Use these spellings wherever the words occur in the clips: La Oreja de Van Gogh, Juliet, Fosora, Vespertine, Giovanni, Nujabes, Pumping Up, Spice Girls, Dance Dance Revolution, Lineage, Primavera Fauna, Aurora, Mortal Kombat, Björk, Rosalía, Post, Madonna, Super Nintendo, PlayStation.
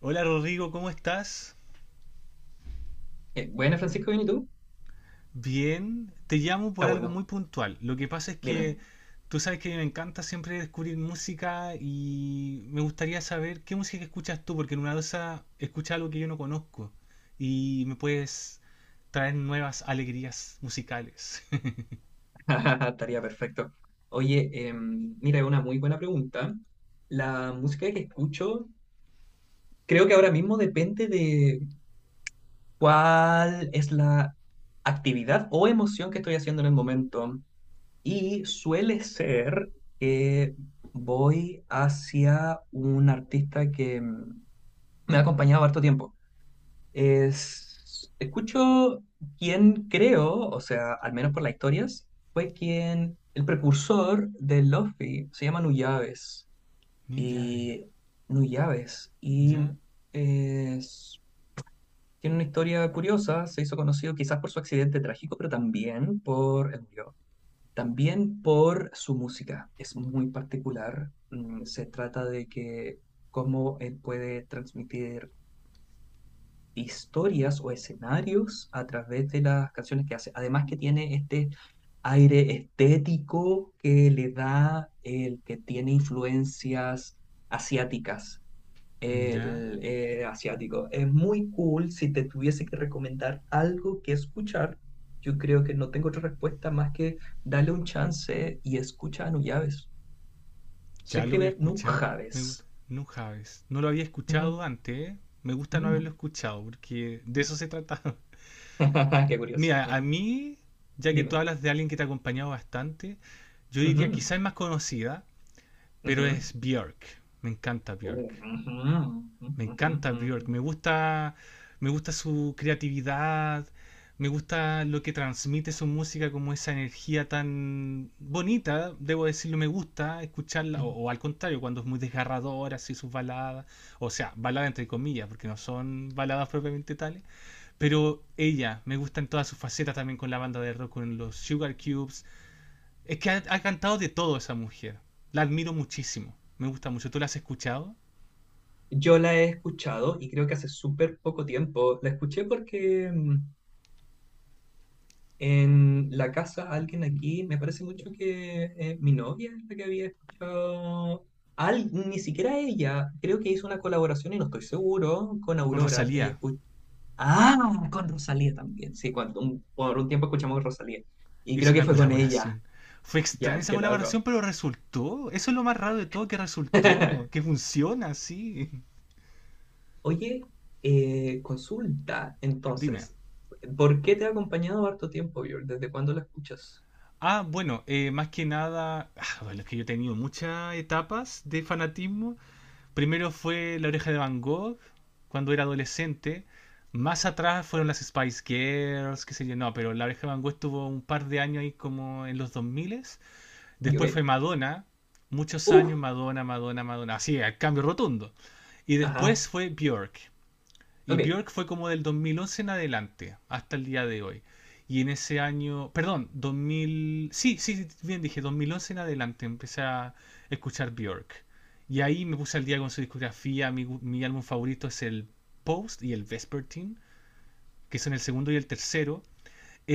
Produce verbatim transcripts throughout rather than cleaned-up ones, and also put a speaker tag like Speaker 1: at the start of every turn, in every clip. Speaker 1: Hola Rodrigo, ¿cómo estás?
Speaker 2: Eh, buena, Francisco, ¿bien y tú?
Speaker 1: Bien, te llamo
Speaker 2: Está
Speaker 1: por algo muy
Speaker 2: bueno,
Speaker 1: puntual. Lo que pasa es
Speaker 2: dime.
Speaker 1: que tú sabes que a mí me encanta siempre descubrir música y me gustaría saber qué música escuchas tú, porque en una dosa escucha algo que yo no conozco y me puedes traer nuevas alegrías musicales.
Speaker 2: Estaría perfecto. Oye, em, mira, es una muy buena pregunta. La música que escucho, creo que ahora mismo depende de cuál es la actividad o emoción que estoy haciendo en el momento. Y suele ser que voy hacia un artista que em, me ha acompañado harto tiempo. Es, escucho quien creo, o sea, al menos por las historias, fue quien, el precursor de Luffy, se llama Nuyabes.
Speaker 1: New Jave,
Speaker 2: Y Nuyabes. Y
Speaker 1: ya,
Speaker 2: es- tiene una historia curiosa, se hizo conocido quizás por su accidente trágico, pero también por, él murió, también por su música. Es muy particular. Mm, Se trata de que cómo él puede transmitir historias o escenarios a través de las canciones que hace. Además que tiene este aire estético que le da el que tiene influencias asiáticas.
Speaker 1: ya,
Speaker 2: El eh, asiático. Es muy cool. Si te tuviese que recomendar algo que escuchar, yo creo que no tengo otra respuesta más que darle un chance y escucha a Nujaves. Se
Speaker 1: ya lo voy a
Speaker 2: escribe
Speaker 1: escuchar. Me gusta.
Speaker 2: Nujaves.
Speaker 1: No Javes, no lo había
Speaker 2: Ujú.
Speaker 1: escuchado antes, ¿eh? Me gusta no haberlo
Speaker 2: Mm.
Speaker 1: escuchado, porque de eso se trata.
Speaker 2: Qué curioso.
Speaker 1: Mira, a
Speaker 2: Bueno,
Speaker 1: mí, ya que tú
Speaker 2: dime.
Speaker 1: hablas de alguien que te ha acompañado bastante, yo diría
Speaker 2: Ujú.
Speaker 1: quizás es más conocida, pero
Speaker 2: Ujú.
Speaker 1: es Björk. Me encanta Björk.
Speaker 2: Ujú, ujú,
Speaker 1: Me
Speaker 2: ujú,
Speaker 1: encanta Björk.
Speaker 2: ujú.
Speaker 1: Me gusta, me gusta su creatividad. Me gusta lo que transmite su música, como esa energía tan bonita, debo decirlo, me gusta escucharla, o, o al contrario, cuando es muy desgarradora, así sus baladas, o sea, baladas entre comillas, porque no son baladas propiamente tales, pero ella, me gusta en todas sus facetas también con la banda de rock, con los Sugar Cubes. Es que ha, ha cantado de todo esa mujer. La admiro muchísimo. Me gusta mucho. ¿Tú la has escuchado?
Speaker 2: Yo la he escuchado y creo que hace súper poco tiempo. La escuché porque mm, en la casa alguien aquí, me parece mucho que eh, mi novia es la que había escuchado. Al, ni siquiera ella, creo que hizo una colaboración y no estoy seguro con
Speaker 1: Con
Speaker 2: Aurora. Ella
Speaker 1: Rosalía
Speaker 2: escuchó. Ah, con Rosalía también. Sí, cuando, un- por un tiempo escuchamos Rosalía. Y creo
Speaker 1: hizo
Speaker 2: que
Speaker 1: una
Speaker 2: fue con ella.
Speaker 1: colaboración. Fue extraña
Speaker 2: Ya,
Speaker 1: esa
Speaker 2: qué loco.
Speaker 1: colaboración, pero resultó. Eso es lo más raro de todo, que resultó. Que funciona, sí.
Speaker 2: Oye, eh, consulta,
Speaker 1: Dime.
Speaker 2: entonces, ¿por qué te ha acompañado harto tiempo, Björn? ¿Desde cuándo la escuchas?
Speaker 1: Ah, bueno, eh, más que nada, ah, bueno, es que yo he tenido muchas etapas de fanatismo. Primero fue La Oreja de Van Gogh, cuando era adolescente. Más atrás fueron las Spice Girls, qué sé yo, no, pero La Oreja de Van Gogh estuvo un par de años ahí como en los dos mil.
Speaker 2: Y, ok.
Speaker 1: Después fue Madonna, muchos
Speaker 2: ¡Uf!
Speaker 1: años Madonna, Madonna, Madonna, así, al cambio rotundo. Y
Speaker 2: Ajá,
Speaker 1: después fue Björk. Y
Speaker 2: ok,
Speaker 1: Björk fue como del dos mil once en adelante, hasta el día de hoy. Y en ese año, perdón, dos mil, sí, sí, sí, bien dije, dos mil once en adelante empecé a escuchar Björk. Y ahí me puse al día con su discografía. Mi, mi álbum favorito es el Post y el Vespertine, que son el segundo y el tercero.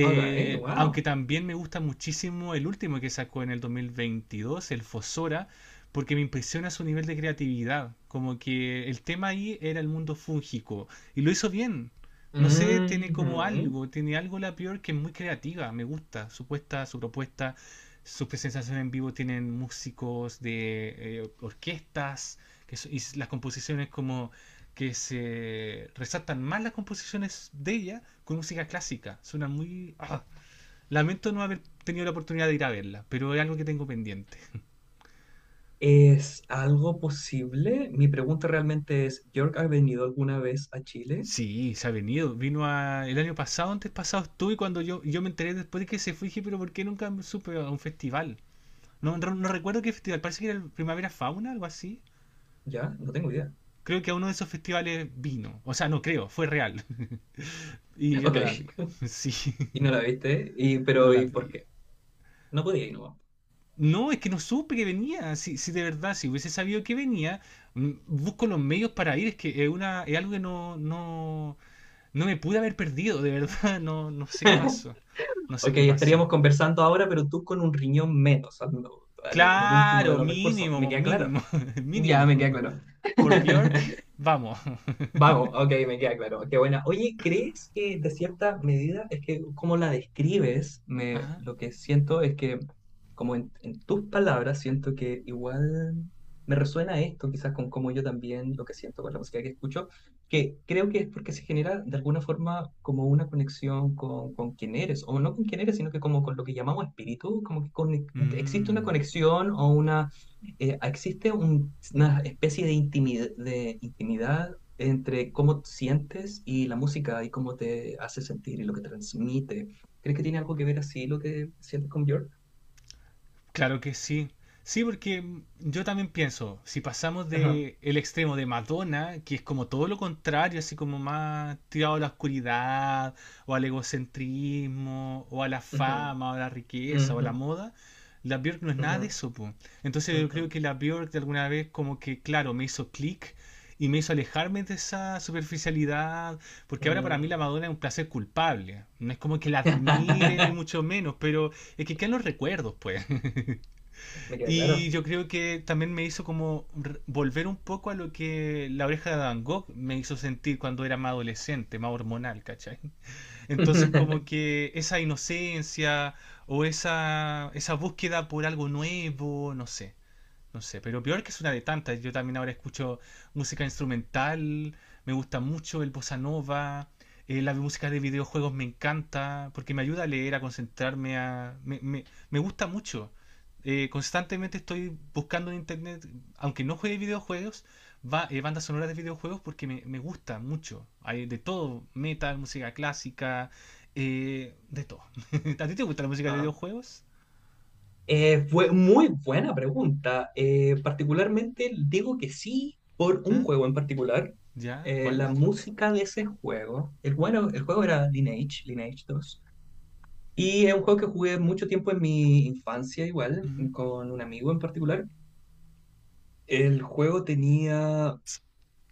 Speaker 2: ok, wow.
Speaker 1: Aunque también me gusta muchísimo el último que sacó en el dos mil veintidós, el Fosora, porque me impresiona su nivel de creatividad. Como que el tema ahí era el mundo fúngico y lo hizo bien. No sé, tiene como
Speaker 2: Ujú.
Speaker 1: algo, tiene algo la peor que es muy creativa, me gusta su puesta, su propuesta, sus presentaciones en vivo tienen músicos de eh, orquestas que so- y las composiciones como que se resaltan más las composiciones de ella con música clásica. Suena muy... ah, lamento no haber tenido la oportunidad de ir a verla, pero es algo que tengo pendiente.
Speaker 2: ¿Es algo posible? Mi pregunta realmente es, ¿Björk ha venido alguna vez a Chile?
Speaker 1: Sí, se ha venido. Vino a- el año pasado, antes pasado estuve cuando yo, yo me enteré después de que se fue y dije, pero ¿por qué nunca supe a un festival? No, no, no recuerdo qué festival, parece que era el Primavera Fauna, algo así.
Speaker 2: Ya, no tengo idea.
Speaker 1: Creo que a uno de esos festivales vino. O sea, no creo, fue real. Y yo
Speaker 2: Ok,
Speaker 1: no la vi. Sí,
Speaker 2: y no la viste, y,
Speaker 1: no
Speaker 2: pero
Speaker 1: la
Speaker 2: ¿y por
Speaker 1: vi.
Speaker 2: qué? No podía ir, no.
Speaker 1: No, es que no supe que venía. Si, si de verdad, si hubiese sabido que venía, mm, busco los medios para ir. Es que es, una, es algo que no, no, no me pude haber perdido, de verdad. No, no sé qué pasó. No sé
Speaker 2: Ok,
Speaker 1: qué pasó.
Speaker 2: estaríamos conversando ahora, pero tú con un riñón menos, al- al- en el último de
Speaker 1: Claro,
Speaker 2: los recursos, me
Speaker 1: mínimo,
Speaker 2: queda claro.
Speaker 1: mínimo,
Speaker 2: Ya,
Speaker 1: mínimo.
Speaker 2: me queda claro.
Speaker 1: Por Björk, vamos.
Speaker 2: Vamos, ok, me queda claro. Qué buena. Oye, ¿crees que de cierta medida, es que como la describes, me,
Speaker 1: Ajá.
Speaker 2: lo que siento es que, como en, en tus palabras, siento que igual me resuena esto, quizás con cómo yo también lo que siento con la música que escucho, que creo que es porque se genera de alguna forma como una conexión con, con quién eres, o no con quién eres, sino que como con lo que llamamos espíritu, como que con- existe una
Speaker 1: Mm.
Speaker 2: conexión o una eh, existe un- una especie de intimidad, de intimidad entre cómo sientes y la música y cómo te hace sentir y lo que transmite. ¿Crees que tiene algo que ver así lo que sientes con Björk?
Speaker 1: Claro que sí. Sí, porque mm, yo también pienso, si pasamos
Speaker 2: Ajá.
Speaker 1: de el extremo de Madonna, que es como todo lo contrario, así como más tirado a la oscuridad, o al egocentrismo, o a la
Speaker 2: Ujú,
Speaker 1: fama, o a la riqueza, o a
Speaker 2: ujú,
Speaker 1: la moda, la Björk no es nada de
Speaker 2: ujú,
Speaker 1: eso, po. Entonces yo
Speaker 2: ujú,
Speaker 1: creo que la Björk de alguna vez como que, claro, me hizo clic y me hizo alejarme de esa superficialidad, porque ahora para mí la
Speaker 2: mm.
Speaker 1: Madonna es un placer culpable. No es como que la admire ni mucho menos, pero es que quedan los recuerdos, pues.
Speaker 2: Me queda
Speaker 1: Y
Speaker 2: claro.
Speaker 1: yo creo que también me hizo como re- volver un poco a lo que la oreja de Van Gogh me hizo sentir cuando era más adolescente, más hormonal, ¿cachai? Entonces como que esa inocencia o esa, esa búsqueda por algo nuevo, no sé. No sé, pero peor que es una de tantas. Yo también ahora escucho música instrumental, me gusta mucho el bossa nova, eh, la música de videojuegos me encanta, porque me ayuda a leer, a concentrarme, a... Me, me- me gusta mucho. Eh, constantemente estoy buscando en internet, aunque no juegue videojuegos, va, eh, bandas sonoras de videojuegos porque me, me gusta mucho. Hay de todo, metal, música clásica, eh, de todo. ¿A ti te gusta la música de
Speaker 2: Ah.
Speaker 1: videojuegos?
Speaker 2: Eh, fue muy buena pregunta. Eh, particularmente digo que sí por un
Speaker 1: ¿Ah?
Speaker 2: juego en particular.
Speaker 1: ¿Ya?
Speaker 2: Eh,
Speaker 1: ¿Cuál?
Speaker 2: la música de ese juego, el, bueno, el juego era Lineage, Lineage dos. Y es un juego que jugué mucho tiempo en mi infancia igual,
Speaker 1: Ujú.
Speaker 2: con un amigo en particular. El juego tenía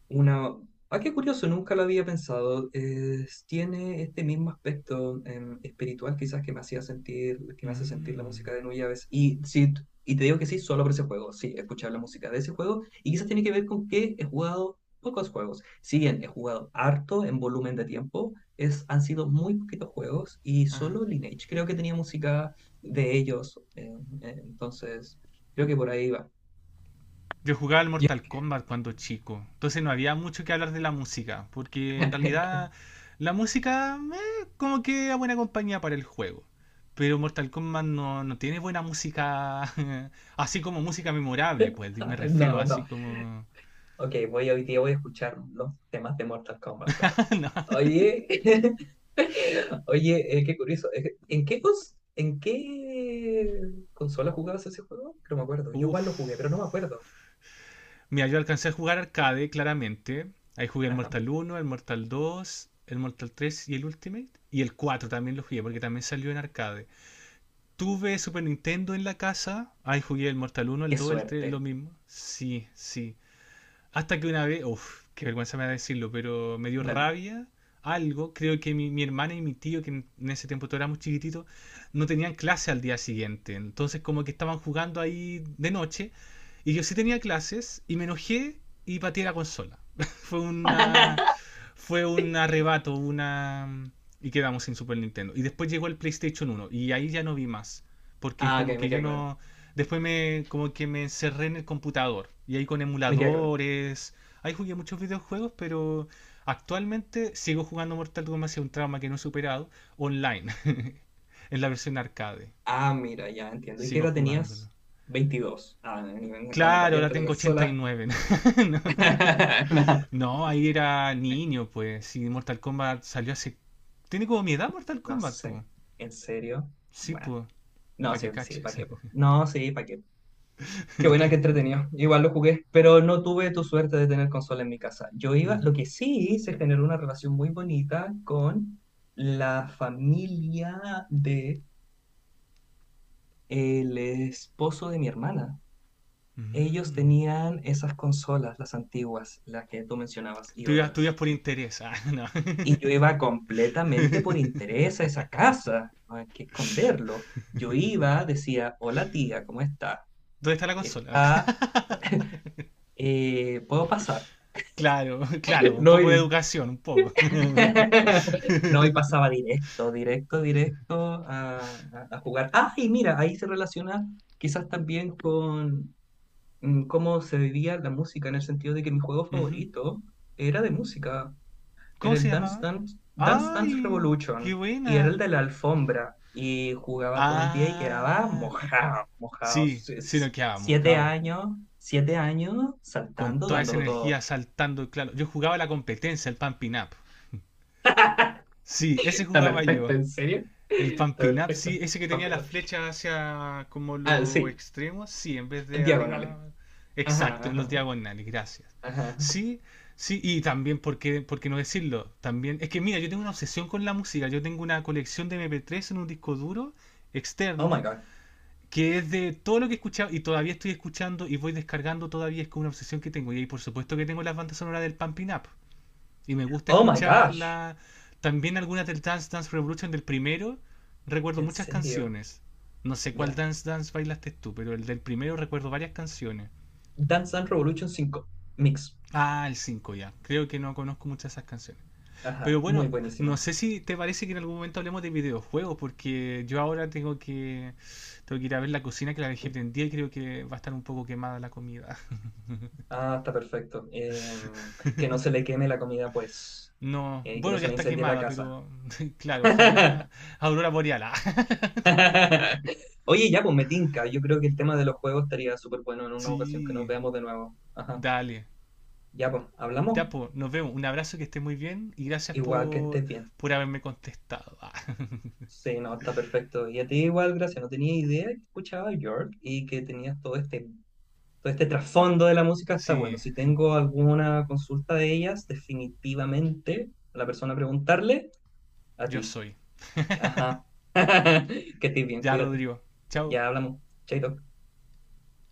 Speaker 2: una... Ah, qué curioso, nunca lo había pensado. Es- tiene este mismo aspecto em, espiritual quizás que me hacía sentir, que me hace sentir la
Speaker 1: Mm.
Speaker 2: música de Nujabes. Y sí, t- y te digo que sí, solo por ese juego. Sí, escuchar la música de ese juego. Y quizás tiene que ver con que he jugado pocos juegos. Si bien he jugado harto en volumen de tiempo, es, han sido muy poquitos juegos y
Speaker 1: Ajá.
Speaker 2: solo Lineage creo que tenía música de ellos. em, eh, entonces, creo que por ahí va.
Speaker 1: Yo jugaba al
Speaker 2: Yo-
Speaker 1: Mortal Kombat cuando chico, entonces no había mucho que hablar de la música, porque en realidad la música eh, como que era buena compañía para el juego. Pero Mortal Kombat no, no tiene buena música, así como música memorable, pues me refiero
Speaker 2: No,
Speaker 1: así
Speaker 2: no.
Speaker 1: como...
Speaker 2: Ok, voy hoy día voy a escuchar los temas de Mortal Kombat, claro.
Speaker 1: no.
Speaker 2: Oye, oye, eh, qué curioso. eh, ¿En qué, cons- en qué consola jugabas ese juego? Que no me acuerdo. Yo igual lo jugué, pero no me
Speaker 1: Uf.
Speaker 2: acuerdo.
Speaker 1: Mira, yo alcancé a jugar arcade, claramente. Ahí jugué el
Speaker 2: Ajá.
Speaker 1: Mortal uno, el Mortal dos, el Mortal tres y el Ultimate. Y el cuatro también lo jugué porque también salió en arcade. Tuve Super Nintendo en la casa. Ahí jugué el Mortal uno, el
Speaker 2: Qué
Speaker 1: dos, el tres, lo
Speaker 2: suerte.
Speaker 1: mismo. Sí, sí. Hasta que una vez, uff, qué vergüenza me da decirlo, pero me dio
Speaker 2: Dale.
Speaker 1: rabia algo. Creo que mi, mi hermana y mi tío, que en, en ese tiempo todos éramos chiquititos, no tenían clase al día siguiente. Entonces como que estaban jugando ahí de noche. Y yo sí tenía clases y me enojé y pateé la consola. fue una fue un arrebato, una y quedamos sin Super Nintendo. Y después llegó el PlayStation uno y ahí ya no vi más, porque
Speaker 2: Ah,
Speaker 1: como
Speaker 2: ok,
Speaker 1: que
Speaker 2: me
Speaker 1: yo
Speaker 2: queda claro.
Speaker 1: no. Después me como que me encerré en el computador y ahí con
Speaker 2: Me queda claro.
Speaker 1: emuladores. Ahí jugué muchos videojuegos, pero actualmente sigo jugando Mortal Kombat hacia un trauma que no he superado online, en la versión arcade.
Speaker 2: Ah, mira, ya entiendo. ¿Y qué
Speaker 1: Sigo
Speaker 2: edad
Speaker 1: jugándolo.
Speaker 2: tenías? Veintidós. Ah, cuando
Speaker 1: Claro, ahora
Speaker 2: pateaste la
Speaker 1: tengo
Speaker 2: consola.
Speaker 1: ochenta y nueve. No, no, ahí era niño, pues. Si Mortal Kombat salió hace. Tiene como mi edad Mortal
Speaker 2: No, no
Speaker 1: Kombat, pues.
Speaker 2: sé. ¿En serio?
Speaker 1: Sí,
Speaker 2: Bueno.
Speaker 1: pues,
Speaker 2: No,
Speaker 1: para
Speaker 2: sí,
Speaker 1: que
Speaker 2: sí, ¿para
Speaker 1: caches.
Speaker 2: qué? Po? No, sí, ¿para qué? Qué buena, que entretenido. Igual lo jugué, pero no tuve tu suerte de tener consola en mi casa. Yo iba, lo
Speaker 1: Ujú.
Speaker 2: que sí se generó una relación muy bonita con la familia de el esposo de mi hermana. Ellos
Speaker 1: Mm.
Speaker 2: tenían esas consolas, las antiguas, las que tú mencionabas y
Speaker 1: Tú ibas, tú ibas
Speaker 2: otras.
Speaker 1: por interés. Ah, no.
Speaker 2: Y yo iba completamente por interés a esa casa, no hay que esconderlo. Yo iba, decía, hola tía, ¿cómo está?
Speaker 1: ¿Dónde está la consola? Ah.
Speaker 2: Está, eh, ¿puedo pasar?
Speaker 1: Claro, claro, un
Speaker 2: No,
Speaker 1: poco de
Speaker 2: y
Speaker 1: educación, un poco.
Speaker 2: no, y pasaba directo, directo, directo a, a- a jugar. Ah, y mira, ahí se relaciona quizás también con mm, cómo se vivía la música, en el sentido de que mi juego
Speaker 1: Ujú.
Speaker 2: favorito era de música, era
Speaker 1: ¿Cómo se
Speaker 2: el Dance
Speaker 1: llamaba?
Speaker 2: Dance, Dance Dance
Speaker 1: ¡Ay! ¡Qué
Speaker 2: Revolution, y era el
Speaker 1: buena!
Speaker 2: de la alfombra, y jugaba todo el día y quedaba
Speaker 1: Ah,
Speaker 2: mojado, mojado.
Speaker 1: sí, sí
Speaker 2: Es-
Speaker 1: nos quedábamos,
Speaker 2: Siete
Speaker 1: cabo.
Speaker 2: años, siete años
Speaker 1: Con
Speaker 2: saltando,
Speaker 1: toda esa
Speaker 2: dándolo todo.
Speaker 1: energía saltando, claro. Yo jugaba la competencia, el Pumping Up. Sí, ese
Speaker 2: Está
Speaker 1: jugaba
Speaker 2: perfecto,
Speaker 1: yo.
Speaker 2: en serio.
Speaker 1: El
Speaker 2: Está
Speaker 1: pumping up,
Speaker 2: perfecto.
Speaker 1: sí, ese que
Speaker 2: Va.
Speaker 1: tenía las flechas hacia como
Speaker 2: Ah,
Speaker 1: los
Speaker 2: sí,
Speaker 1: extremos, sí, en vez de
Speaker 2: diagonales.
Speaker 1: arriba,
Speaker 2: Ajá,
Speaker 1: exacto, en los
Speaker 2: ajá,
Speaker 1: diagonales, gracias.
Speaker 2: ajá.
Speaker 1: Sí, sí, y también, ¿por qué, por qué no decirlo? También, es que mira, yo tengo una obsesión con la música, yo tengo una colección de M P tres en un disco duro
Speaker 2: Oh my
Speaker 1: externo,
Speaker 2: god.
Speaker 1: que es de todo lo que he escuchado y todavía estoy escuchando y voy descargando todavía, es como una obsesión que tengo. Y ahí por supuesto que tengo las bandas sonoras del Pumping Up. Y me gusta
Speaker 2: Oh my gosh.
Speaker 1: escucharla. También algunas del Dance Dance Revolution del primero. Recuerdo
Speaker 2: En
Speaker 1: muchas
Speaker 2: serio.
Speaker 1: canciones. No sé cuál
Speaker 2: Ya.
Speaker 1: Dance Dance bailaste tú, pero el del primero recuerdo varias canciones.
Speaker 2: Dance Dance Revolution cinco Mix.
Speaker 1: Ah, el cinco ya. Creo que no conozco muchas de esas canciones. Pero
Speaker 2: Ajá.
Speaker 1: bueno,
Speaker 2: Muy
Speaker 1: no
Speaker 2: buenísimo.
Speaker 1: sé si te parece que en algún momento hablemos de videojuegos, porque yo ahora tengo que, tengo que ir a ver la cocina que la dejé prendida y creo que va a estar un poco quemada la comida.
Speaker 2: Ah, está perfecto. Em, que no se le queme la comida, pues.
Speaker 1: No,
Speaker 2: Eh, que
Speaker 1: bueno,
Speaker 2: no
Speaker 1: ya
Speaker 2: se le
Speaker 1: está
Speaker 2: incendie la
Speaker 1: quemada,
Speaker 2: casa.
Speaker 1: pero claro, ojalá Aurora Boreal.
Speaker 2: Oye, ya, pues me tinca. Yo creo que el tema de los juegos estaría súper bueno en una ocasión que nos
Speaker 1: Sí,
Speaker 2: veamos de nuevo. Ajá.
Speaker 1: dale.
Speaker 2: Ya, pues, hablamos.
Speaker 1: Ya, pues, nos vemos. Un abrazo, que esté muy bien y gracias
Speaker 2: Igual que
Speaker 1: por,
Speaker 2: estés bien.
Speaker 1: por haberme contestado. Ah,
Speaker 2: Sí, no, está perfecto. Y a ti igual, gracias. No tenía idea que escuchaba York y que tenías todo este, todo este trasfondo de la música. Está bueno.
Speaker 1: sí,
Speaker 2: Si tengo alguna consulta de ellas, definitivamente a la persona a preguntarle a
Speaker 1: yo
Speaker 2: ti.
Speaker 1: soy.
Speaker 2: Ajá. Que estés bien,
Speaker 1: Ya,
Speaker 2: cuídate.
Speaker 1: Rodrigo. Chao.
Speaker 2: Ya hablamos. Chaito.